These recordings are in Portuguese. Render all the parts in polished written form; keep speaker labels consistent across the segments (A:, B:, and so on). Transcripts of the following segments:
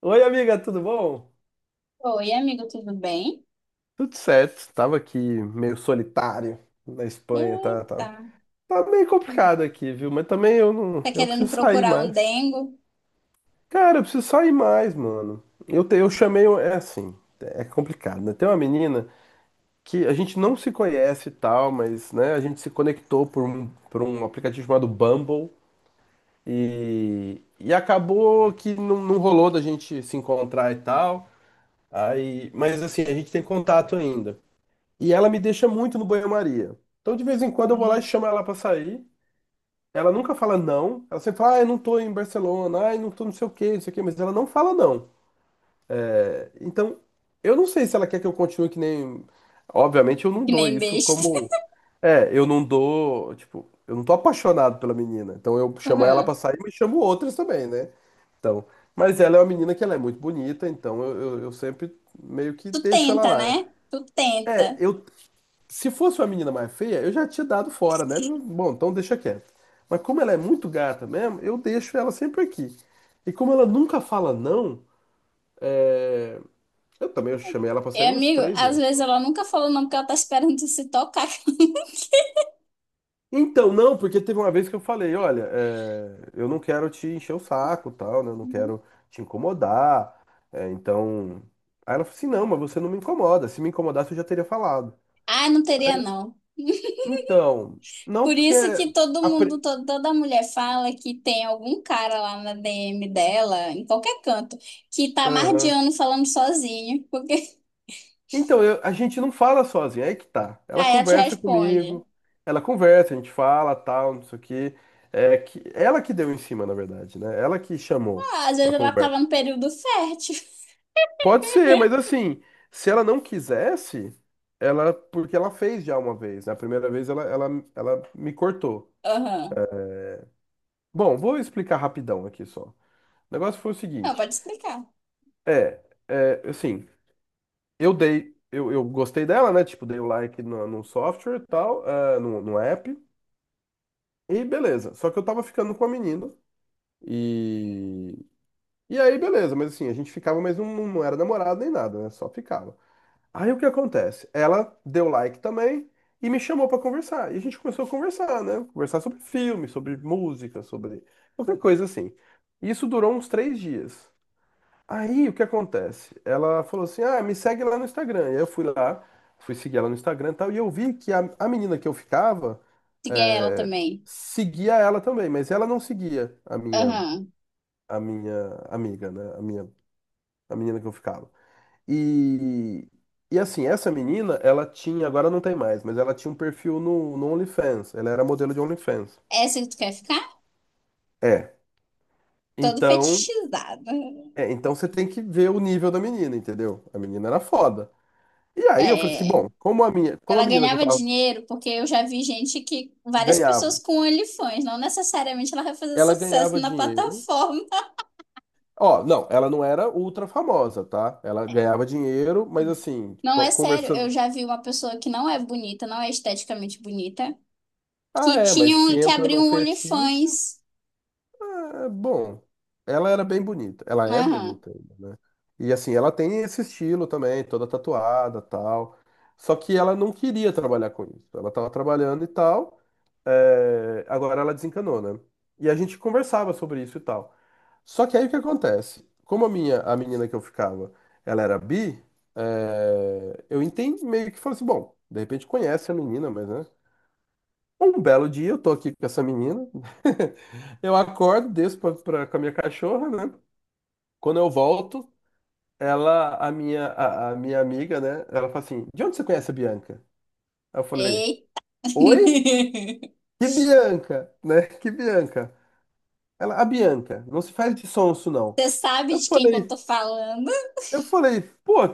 A: Oi, amiga, tudo bom?
B: Oi, amigo, tudo bem?
A: Tudo certo, tava aqui meio solitário na Espanha,
B: Eita,
A: tá meio complicado aqui, viu? Mas também eu não,
B: tá
A: eu
B: querendo
A: preciso sair
B: procurar um
A: mais.
B: dengo?
A: Cara, eu preciso sair mais, mano. Eu chamei, é assim, é complicado, né? Tem uma menina que a gente não se conhece e tal, mas, né, a gente se conectou por um aplicativo chamado Bumble e acabou que não rolou da gente se encontrar e tal. Aí, mas assim, a gente tem contato ainda. E ela me deixa muito no banho-maria. Então, de vez em quando, eu vou lá e chamo ela pra sair. Ela nunca fala não. Ela sempre fala, ah, eu não tô em Barcelona, ai, não tô não sei o quê, não sei o quê, mas ela não fala não. É, então, eu não sei se ela quer que eu continue que nem. Obviamente, eu não
B: Que
A: dou
B: nem
A: isso
B: besta.
A: como. É, eu não dou. Tipo, eu não tô apaixonado pela menina. Então, eu chamo ela
B: Aham.
A: pra sair, mas chamo outras também, né? Então, mas ela é uma menina que ela é muito bonita, então eu sempre meio que
B: Tu
A: deixo ela
B: tenta, né?
A: lá.
B: Tu tenta.
A: É, eu, se fosse uma menina mais feia, eu já tinha dado fora, né? Bom, então deixa quieto. Mas como ela é muito gata mesmo, eu deixo ela sempre aqui. E como ela nunca fala não, é, eu também chamei ela pra
B: E,
A: sair umas
B: amigo,
A: três
B: às
A: vezes.
B: vezes
A: Só.
B: ela nunca falou não porque ela tá esperando tu se tocar.
A: Então, não, porque teve uma vez que eu falei, olha, é, eu não quero te encher o saco, tal, né? Eu não
B: Uhum.
A: quero te incomodar. É, então. Aí ela falou assim, não, mas você não me incomoda. Se me incomodasse, eu já teria falado.
B: Ah, não teria não.
A: Então, não
B: Por
A: porque.
B: isso que todo
A: a
B: mundo,
A: pri-
B: toda mulher fala que tem algum cara lá na DM dela, em qualquer canto, que tá
A: Aham.
B: mardeando falando sozinho, porque
A: Então, a gente não fala sozinho, é aí que tá. Ela
B: aí ela te
A: conversa
B: responde.
A: comigo, ela conversa, a gente fala, tal, não sei o quê. É que ela que deu em cima, na verdade, né? Ela que chamou
B: Ah, às vezes
A: pra
B: ela
A: conversa.
B: tava no período fértil.
A: Pode ser, mas assim, se ela não quisesse, ela, porque ela fez já uma vez, né? A primeira vez ela me cortou.
B: Aham.
A: Bom, vou explicar rapidão aqui só. O negócio foi o
B: Não,
A: seguinte,
B: pode explicar.
A: é, é assim, eu gostei dela, né? Tipo, dei o like no software e tal, ah, no app. E beleza. Só que eu tava ficando com a menina. E. E aí, beleza. Mas assim, a gente ficava, mas não era namorado nem nada, né? Só ficava. Aí o que acontece? Ela deu like também e me chamou pra conversar. E a gente começou a conversar, né? Conversar sobre filme, sobre música, sobre qualquer coisa assim. Isso durou uns 3 dias. Aí o que acontece? Ela falou assim: ah, me segue lá no Instagram. E aí eu fui lá, fui seguir ela no Instagram e tal. E eu vi que a menina que eu ficava
B: Siga ela
A: é,
B: também.
A: seguia ela também, mas ela não seguia
B: Aham.
A: a minha amiga, né? A minha, a menina que eu ficava. E, e assim, essa menina, ela tinha, agora não tem mais, mas ela tinha um perfil no OnlyFans. Ela era modelo de OnlyFans.
B: Essa que tu quer ficar?
A: É.
B: Todo
A: Então,
B: fetichizada.
A: é, então você tem que ver o nível da menina, entendeu? A menina era foda. E aí eu falei assim,
B: É.
A: bom, como a minha, como a
B: Ela
A: menina que eu
B: ganhava
A: tava
B: dinheiro porque eu já vi gente que. Várias
A: ganhava,
B: pessoas com OnlyFans. Não necessariamente ela vai fazer
A: ela
B: sucesso
A: ganhava
B: na
A: dinheiro.
B: plataforma.
A: Ó, não, ela não era ultra famosa, tá? Ela ganhava dinheiro, mas assim,
B: Não, é sério. Eu
A: conversando.
B: já vi uma pessoa que não é bonita, não é esteticamente bonita,
A: Ah,
B: que
A: é, mas
B: tinha
A: se
B: um, que
A: entra
B: abriu
A: num
B: um
A: fetiche,
B: OnlyFans.
A: é bom. Ela era bem bonita. Ela é
B: Aham.
A: bonita ainda, né? E assim, ela tem esse estilo também, toda tatuada, tal. Só que ela não queria trabalhar com isso. Ela tava trabalhando e tal. É, agora ela desencanou, né? E a gente conversava sobre isso e tal. Só que aí o que acontece? Como a minha, a menina que eu ficava, ela era bi, é, eu entendi meio que falei assim, bom, de repente conhece a menina, mas né? Um belo dia eu tô aqui com essa menina, eu acordo, desço com a minha cachorra, né? Quando eu volto, ela, a minha, a minha amiga, né? Ela fala assim, de onde você conhece a Bianca? Aí eu falei,
B: Ei.
A: oi? Que Bianca, né? Que Bianca? Ela, a Bianca, não se faz de sonso, não.
B: Você sabe
A: Eu
B: de quem que eu tô
A: falei,
B: falando?
A: eu falei, pô.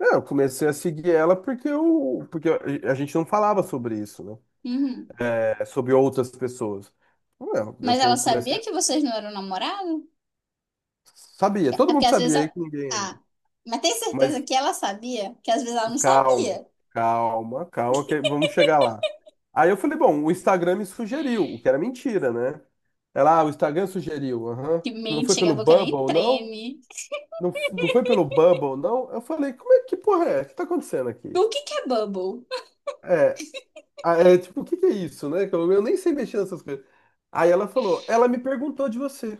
A: É, eu comecei a seguir ela porque, eu, porque a gente não falava sobre isso, né?
B: Uhum.
A: É, sobre outras pessoas. Eu, eu
B: Mas ela
A: com-
B: sabia
A: comecei.
B: que vocês não eram namorados?
A: Sabia, todo
B: É porque
A: mundo
B: às vezes.
A: sabia aí que ninguém era.
B: Ah, mas tem certeza
A: Mas
B: que ela sabia? Que às vezes ela não
A: calma,
B: sabia.
A: calma, calma, que vamos chegar lá. Aí eu falei, bom, o Instagram me sugeriu, o que era mentira, né? Ela, ah, o Instagram sugeriu, aham.
B: Que
A: Não
B: mente,
A: foi
B: chega
A: pelo
B: a boca nem
A: Bubble, não?
B: treme.
A: Não, não foi pelo Bubble, não? Eu falei, como é que porra é? O que tá acontecendo aqui?
B: O que que é bubble?
A: Ah, é tipo, o que que é isso, né? Que eu nem sei mexer nessas coisas. Aí ela falou, ela me perguntou de você.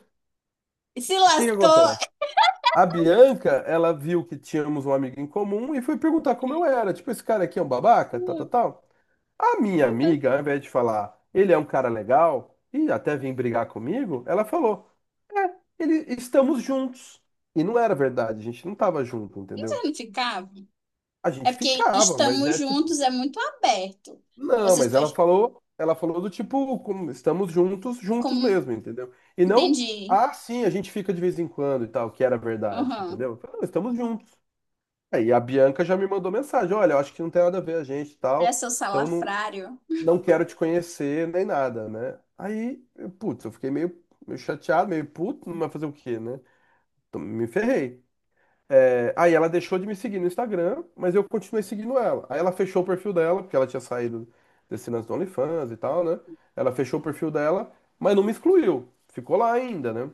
B: Se
A: O que que
B: lascou.
A: acontece? A Bianca, ela viu que tínhamos um amigo em comum e foi perguntar como eu era. Tipo, esse cara aqui é um babaca, tal, tal, tal. A minha amiga, ao invés de falar, ele é um cara legal e até vem brigar comigo, ela falou, é, ele, estamos juntos. E não era verdade, a gente não tava junto,
B: Vocês
A: entendeu?
B: não ficavam?
A: A
B: É
A: gente
B: porque
A: ficava, mas
B: estamos
A: é
B: juntos
A: tipo.
B: é muito aberto.
A: Não,
B: Vocês
A: mas
B: podem.
A: ela falou do tipo, como estamos juntos, juntos
B: Como...
A: mesmo, entendeu? E não,
B: Entendi.
A: ah, sim, a gente fica de vez em quando e tal, que era verdade,
B: Aham.
A: entendeu? Eu falei, não, estamos juntos. Aí a Bianca já me mandou mensagem, olha, eu acho que não tem nada a ver a gente e
B: Olha
A: tal,
B: seu
A: então não,
B: salafrário.
A: não quero te conhecer nem nada, né? Aí, eu, putz, eu fiquei meio, meio chateado, meio puto, não vai fazer o quê, né? Então, me ferrei. É, aí ela deixou de me seguir no Instagram, mas eu continuei seguindo ela. Aí ela fechou o perfil dela, porque ela tinha saído desse lance do OnlyFans e tal, né? Ela fechou o perfil dela, mas não me excluiu. Ficou lá ainda, né?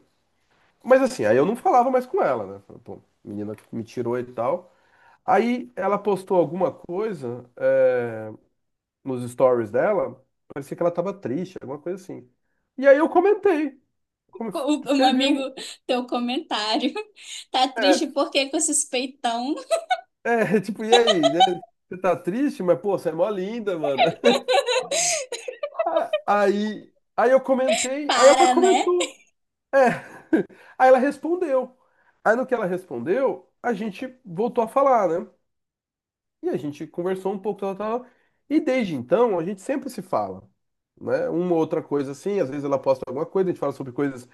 A: Mas assim, aí eu não falava mais com ela, né? Falei, pô, menina me tirou e tal. Aí ela postou alguma coisa, é, nos stories dela, parecia que ela tava triste, alguma coisa assim. E aí eu comentei, como-
B: Um
A: escrevi
B: amigo,
A: um.
B: teu comentário. Tá triste
A: É,
B: porque com esses peitão.
A: é, tipo, e aí, né? Você tá triste, mas pô, você é mó linda, mano. Ah, aí, aí eu comentei, aí ela
B: Para, né?
A: comentou. É. Aí ela respondeu. Aí no que ela respondeu, a gente voltou a falar, né? E a gente conversou um pouco, tal, tal. E desde então, a gente sempre se fala, né? Uma ou outra coisa assim, às vezes ela posta alguma coisa, a gente fala sobre coisas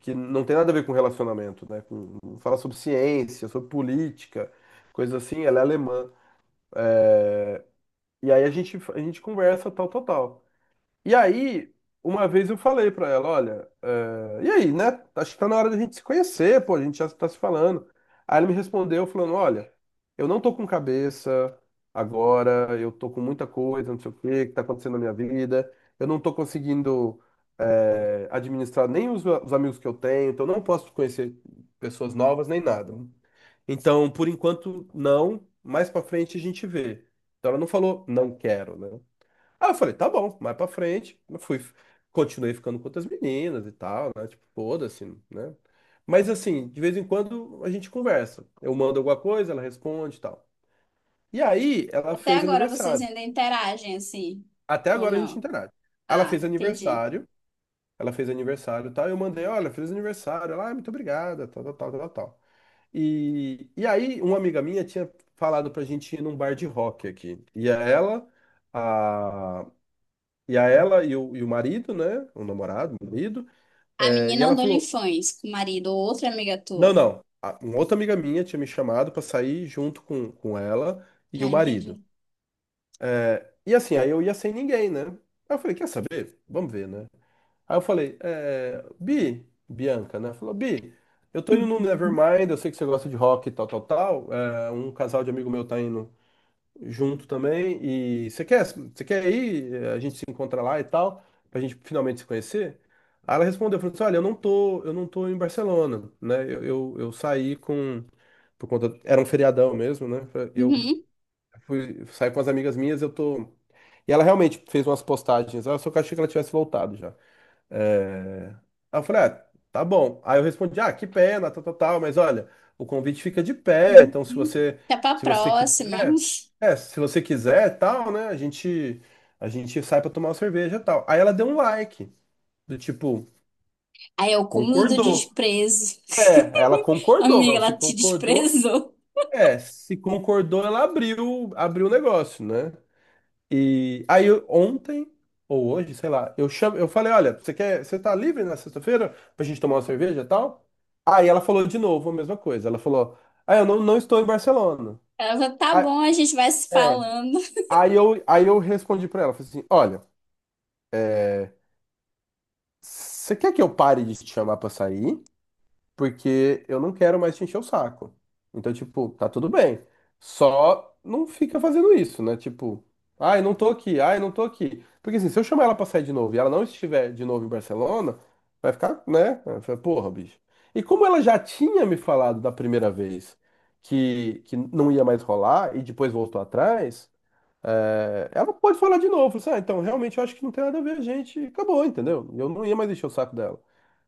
A: que não tem nada a ver com relacionamento, né? Fala sobre ciência, sobre política, coisa assim, ela é alemã. E aí a gente conversa, tal, tal, tal. E aí, uma vez eu falei pra ela, olha, eh, e aí, né? Acho que tá na hora da gente se conhecer, pô, a gente já tá se falando. Aí ela me respondeu falando, olha, eu não tô com cabeça agora, eu tô com muita coisa, não sei o que, que tá acontecendo na minha vida, eu não tô conseguindo, administrar nem os, os amigos que eu tenho, então eu não posso conhecer pessoas novas nem nada. Então, por enquanto, não. Mais pra frente a gente vê. Então ela não falou, não quero, né? Ah, eu falei, tá bom, mais pra frente. Eu fui, continuei ficando com outras meninas e tal, né? Tipo, foda-se, né? Mas assim, de vez em quando a gente conversa. Eu mando alguma coisa, ela responde e tal. E aí, ela
B: Até
A: fez
B: agora vocês
A: aniversário.
B: ainda interagem assim,
A: Até
B: ou
A: agora a gente
B: não?
A: interage. Ela
B: Ah,
A: fez
B: entendi.
A: aniversário, ela fez aniversário e tal. Eu mandei, olha, fez aniversário. Ela, ah, muito obrigada, tal, tal, tal, tal, tal. E aí, uma amiga minha tinha falado pra gente ir num bar de rock aqui. E a ela, a, e a ela e o marido, né? O namorado, o marido.
B: A
A: É, e
B: menina
A: ela
B: andou em
A: falou:
B: fãs com o marido ou outra amiga
A: não,
B: tua.
A: não. Uma outra amiga minha tinha me chamado pra sair junto com ela e
B: Tá,
A: o marido.
B: entendi.
A: E assim, aí eu ia sem ninguém, né? Aí eu falei: quer saber? Vamos ver, né? Aí eu falei: é, Bi, Bianca, né? Falou: Bi. Eu tô indo no Nevermind, eu sei que você gosta de rock e tal, tal, tal. É, um casal de amigo meu tá indo junto também. E você quer ir? A gente se encontra lá e tal, pra gente finalmente se conhecer. Aí ela respondeu, falou assim, olha, eu não tô em Barcelona, né? Eu saí com, por conta, era um feriadão mesmo, né? Eu
B: Uhum,
A: fui, saí com as amigas minhas, eu tô... E ela realmente fez umas postagens, "Ah, eu só que eu achei que ela tivesse voltado já. É, Aí eu falei, ah, tá bom. Aí eu respondi, ah, que pena, tal, tal, tal, mas olha, o convite fica de pé, então
B: uhum. Até pra
A: se você
B: próxima.
A: quiser, se você quiser, tal, né, a gente sai pra tomar uma cerveja, tal. Aí ela deu um like, do tipo,
B: Aí é o cúmulo do
A: concordou.
B: desprezo.
A: É, ela concordou,
B: Amiga,
A: mas se
B: ela te
A: concordou,
B: desprezou.
A: se concordou, ela abriu o negócio, né? E ontem ou hoje, sei lá, eu chamo, eu falei, olha, você tá livre na sexta-feira pra gente tomar uma cerveja e tal? Aí ela falou de novo a mesma coisa. Ela falou: "Ah, eu não, não estou em Barcelona".
B: Ela falou, tá
A: Aí,
B: bom, a gente vai se
A: É.
B: falando.
A: aí eu respondi pra ela, falei assim: "Olha, é, você quer que eu pare de te chamar pra sair? Porque eu não quero mais te encher o saco. Então, tipo, tá tudo bem. Só não fica fazendo isso, né? Tipo, ai, não tô aqui, ai, não tô aqui. Porque assim, se eu chamar ela pra sair de novo e ela não estiver de novo em Barcelona, vai ficar, né? Vai ficar, porra, bicho. E como ela já tinha me falado da primeira vez que não ia mais rolar e depois voltou atrás, é, ela pode falar de novo. Assim, ah, então, realmente eu acho que não tem nada a ver a gente. Acabou, entendeu? Eu não ia mais encher o saco dela.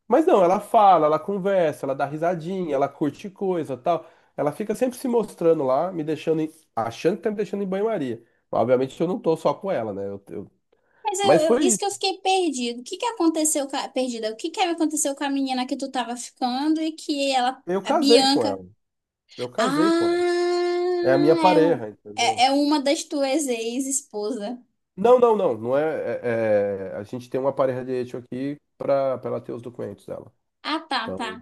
A: Mas não, ela fala, ela conversa, ela dá risadinha, ela curte coisa, tal. Ela fica sempre se mostrando lá, me deixando, achando que tá me deixando em banho-maria. Obviamente eu não tô só com ela, né?
B: Mas eu,
A: Mas
B: eu-
A: foi
B: isso que eu
A: isso.
B: fiquei perdido. O que que aconteceu com a, perdida? O que que aconteceu com a menina que tu tava ficando e que ela,
A: Eu
B: a
A: casei com
B: Bianca?
A: ela. Eu casei com ela.
B: Ah,
A: É a minha
B: é,
A: pareja, entendeu?
B: é, é uma das tuas ex-esposa.
A: Não, não, não. A gente tem uma pareja de hecho aqui pra ela ter os documentos dela.
B: Ah, tá, tá.
A: Então.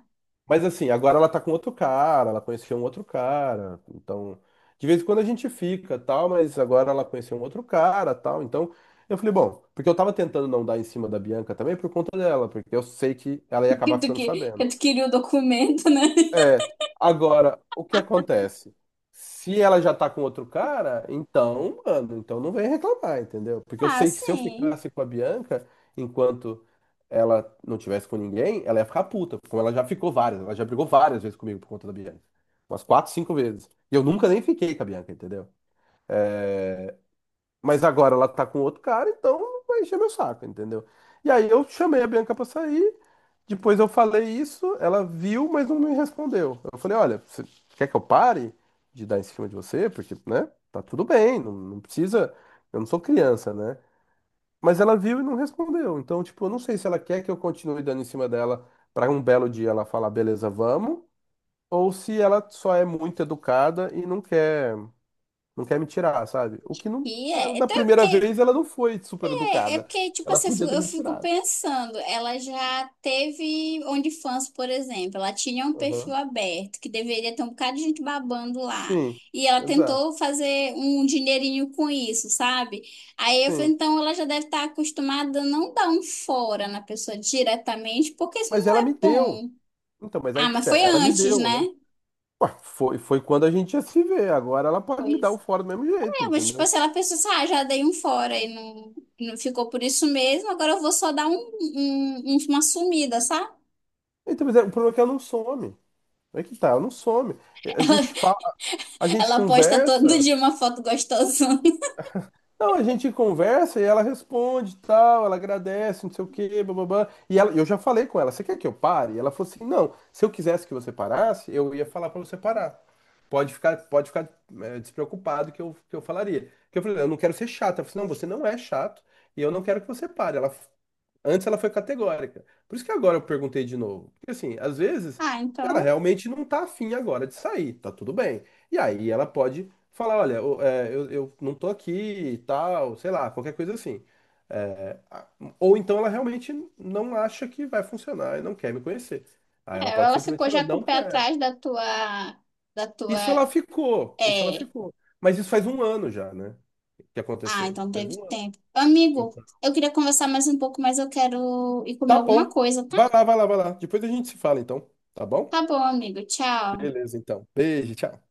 A: Mas assim, agora ela tá com outro cara, ela conheceu um outro cara, então de vez em quando a gente fica, tal, mas agora ela conheceu um outro cara, tal, então eu falei, bom, porque eu tava tentando não dar em cima da Bianca também por conta dela, porque eu sei que ela ia acabar ficando sabendo.
B: Que tu queria o documento, né?
A: É, agora, o que acontece? Se ela já tá com outro cara, então, mano, então não vem reclamar, entendeu? Porque eu
B: Ah,
A: sei que se eu
B: sim.
A: ficasse com a Bianca enquanto ela não tivesse com ninguém, ela ia ficar puta, como ela já ficou várias, ela já brigou várias vezes comigo por conta da Bianca. Umas quatro, cinco vezes. E eu nunca nem fiquei com a Bianca, entendeu? Mas agora ela tá com outro cara, então vai encher meu saco, entendeu? E aí eu chamei a Bianca pra sair, depois eu falei isso, ela viu, mas não me respondeu. Eu falei, olha, você quer que eu pare de dar em cima de você? Porque, né, tá tudo bem, não precisa, eu não sou criança, né? Mas ela viu e não respondeu. Então, tipo, eu não sei se ela quer que eu continue dando em cima dela para um belo dia ela falar, beleza, vamos, ou se ela só é muito educada e não quer me tirar, sabe? O que não,
B: E
A: ela,
B: é.
A: da
B: Então,
A: primeira
B: que
A: vez ela não foi super
B: é, é
A: educada.
B: porque, tipo
A: Ela
B: assim,
A: podia ter
B: eu
A: me
B: fico
A: tirado.
B: pensando, ela já teve OnlyFans, por exemplo, ela tinha um perfil
A: Aham.
B: aberto, que deveria ter um bocado de gente babando lá,
A: Sim,
B: e ela
A: exato.
B: tentou fazer um dinheirinho com isso, sabe? Aí eu falei,
A: Sim.
B: então ela já deve estar acostumada a não dar um fora na pessoa diretamente, porque isso
A: Mas
B: não
A: ela
B: é
A: me deu.
B: bom.
A: Então, mas aí
B: Ah,
A: que
B: mas
A: tá,
B: foi
A: ela me
B: antes,
A: deu,
B: né?
A: né? Ué, foi, foi quando a gente ia se ver. Agora ela pode me dar o
B: Pois.
A: fora do mesmo jeito,
B: É, mas tipo
A: entendeu?
B: assim, ela pensou assim, ah, já dei um fora e não, não ficou por isso mesmo, agora eu vou só dar um, uma sumida, sabe?
A: Então, mas o problema é que ela não some. É que tá, não some. A gente fala, a gente
B: Ela posta todo
A: conversa.
B: dia uma foto gostosona.
A: Não, a gente conversa e ela responde, tal, ela agradece, não sei o quê, bababá. E ela, eu já falei com ela, você quer que eu pare? E ela falou assim, não, se eu quisesse que você parasse, eu ia falar pra você parar. Pode ficar despreocupado que eu falaria. Porque eu falei, eu não quero ser chato. Ela falou, assim, não, você não é chato e eu não quero que você pare. Ela, antes ela foi categórica. Por isso que agora eu perguntei de novo. Porque assim, às vezes
B: Ah,
A: ela
B: então,
A: realmente não tá afim agora de sair, tá tudo bem. E aí ela pode falar, olha, eu não tô aqui e tal, sei lá, qualquer coisa assim. É, a- ou então ela realmente não acha que vai funcionar e não quer me conhecer. Aí
B: é,
A: ela pode
B: ela
A: simplesmente
B: ficou
A: falar,
B: já com o
A: não
B: pé
A: quero.
B: atrás da
A: Isso ela
B: tua,
A: ficou, isso ela
B: é.
A: ficou. Mas isso faz 1 ano já, né? Que
B: Ah,
A: aconteceu.
B: então
A: Faz
B: teve
A: um ano.
B: tempo. Amigo,
A: Então,
B: eu queria conversar mais um pouco, mas eu quero ir comer
A: tá
B: alguma
A: bom.
B: coisa, tá?
A: Vai lá, vai lá, vai lá. Depois a gente se fala, então. Tá bom?
B: Tá bom, amigo. Tchau.
A: Beleza, então. Beijo, tchau.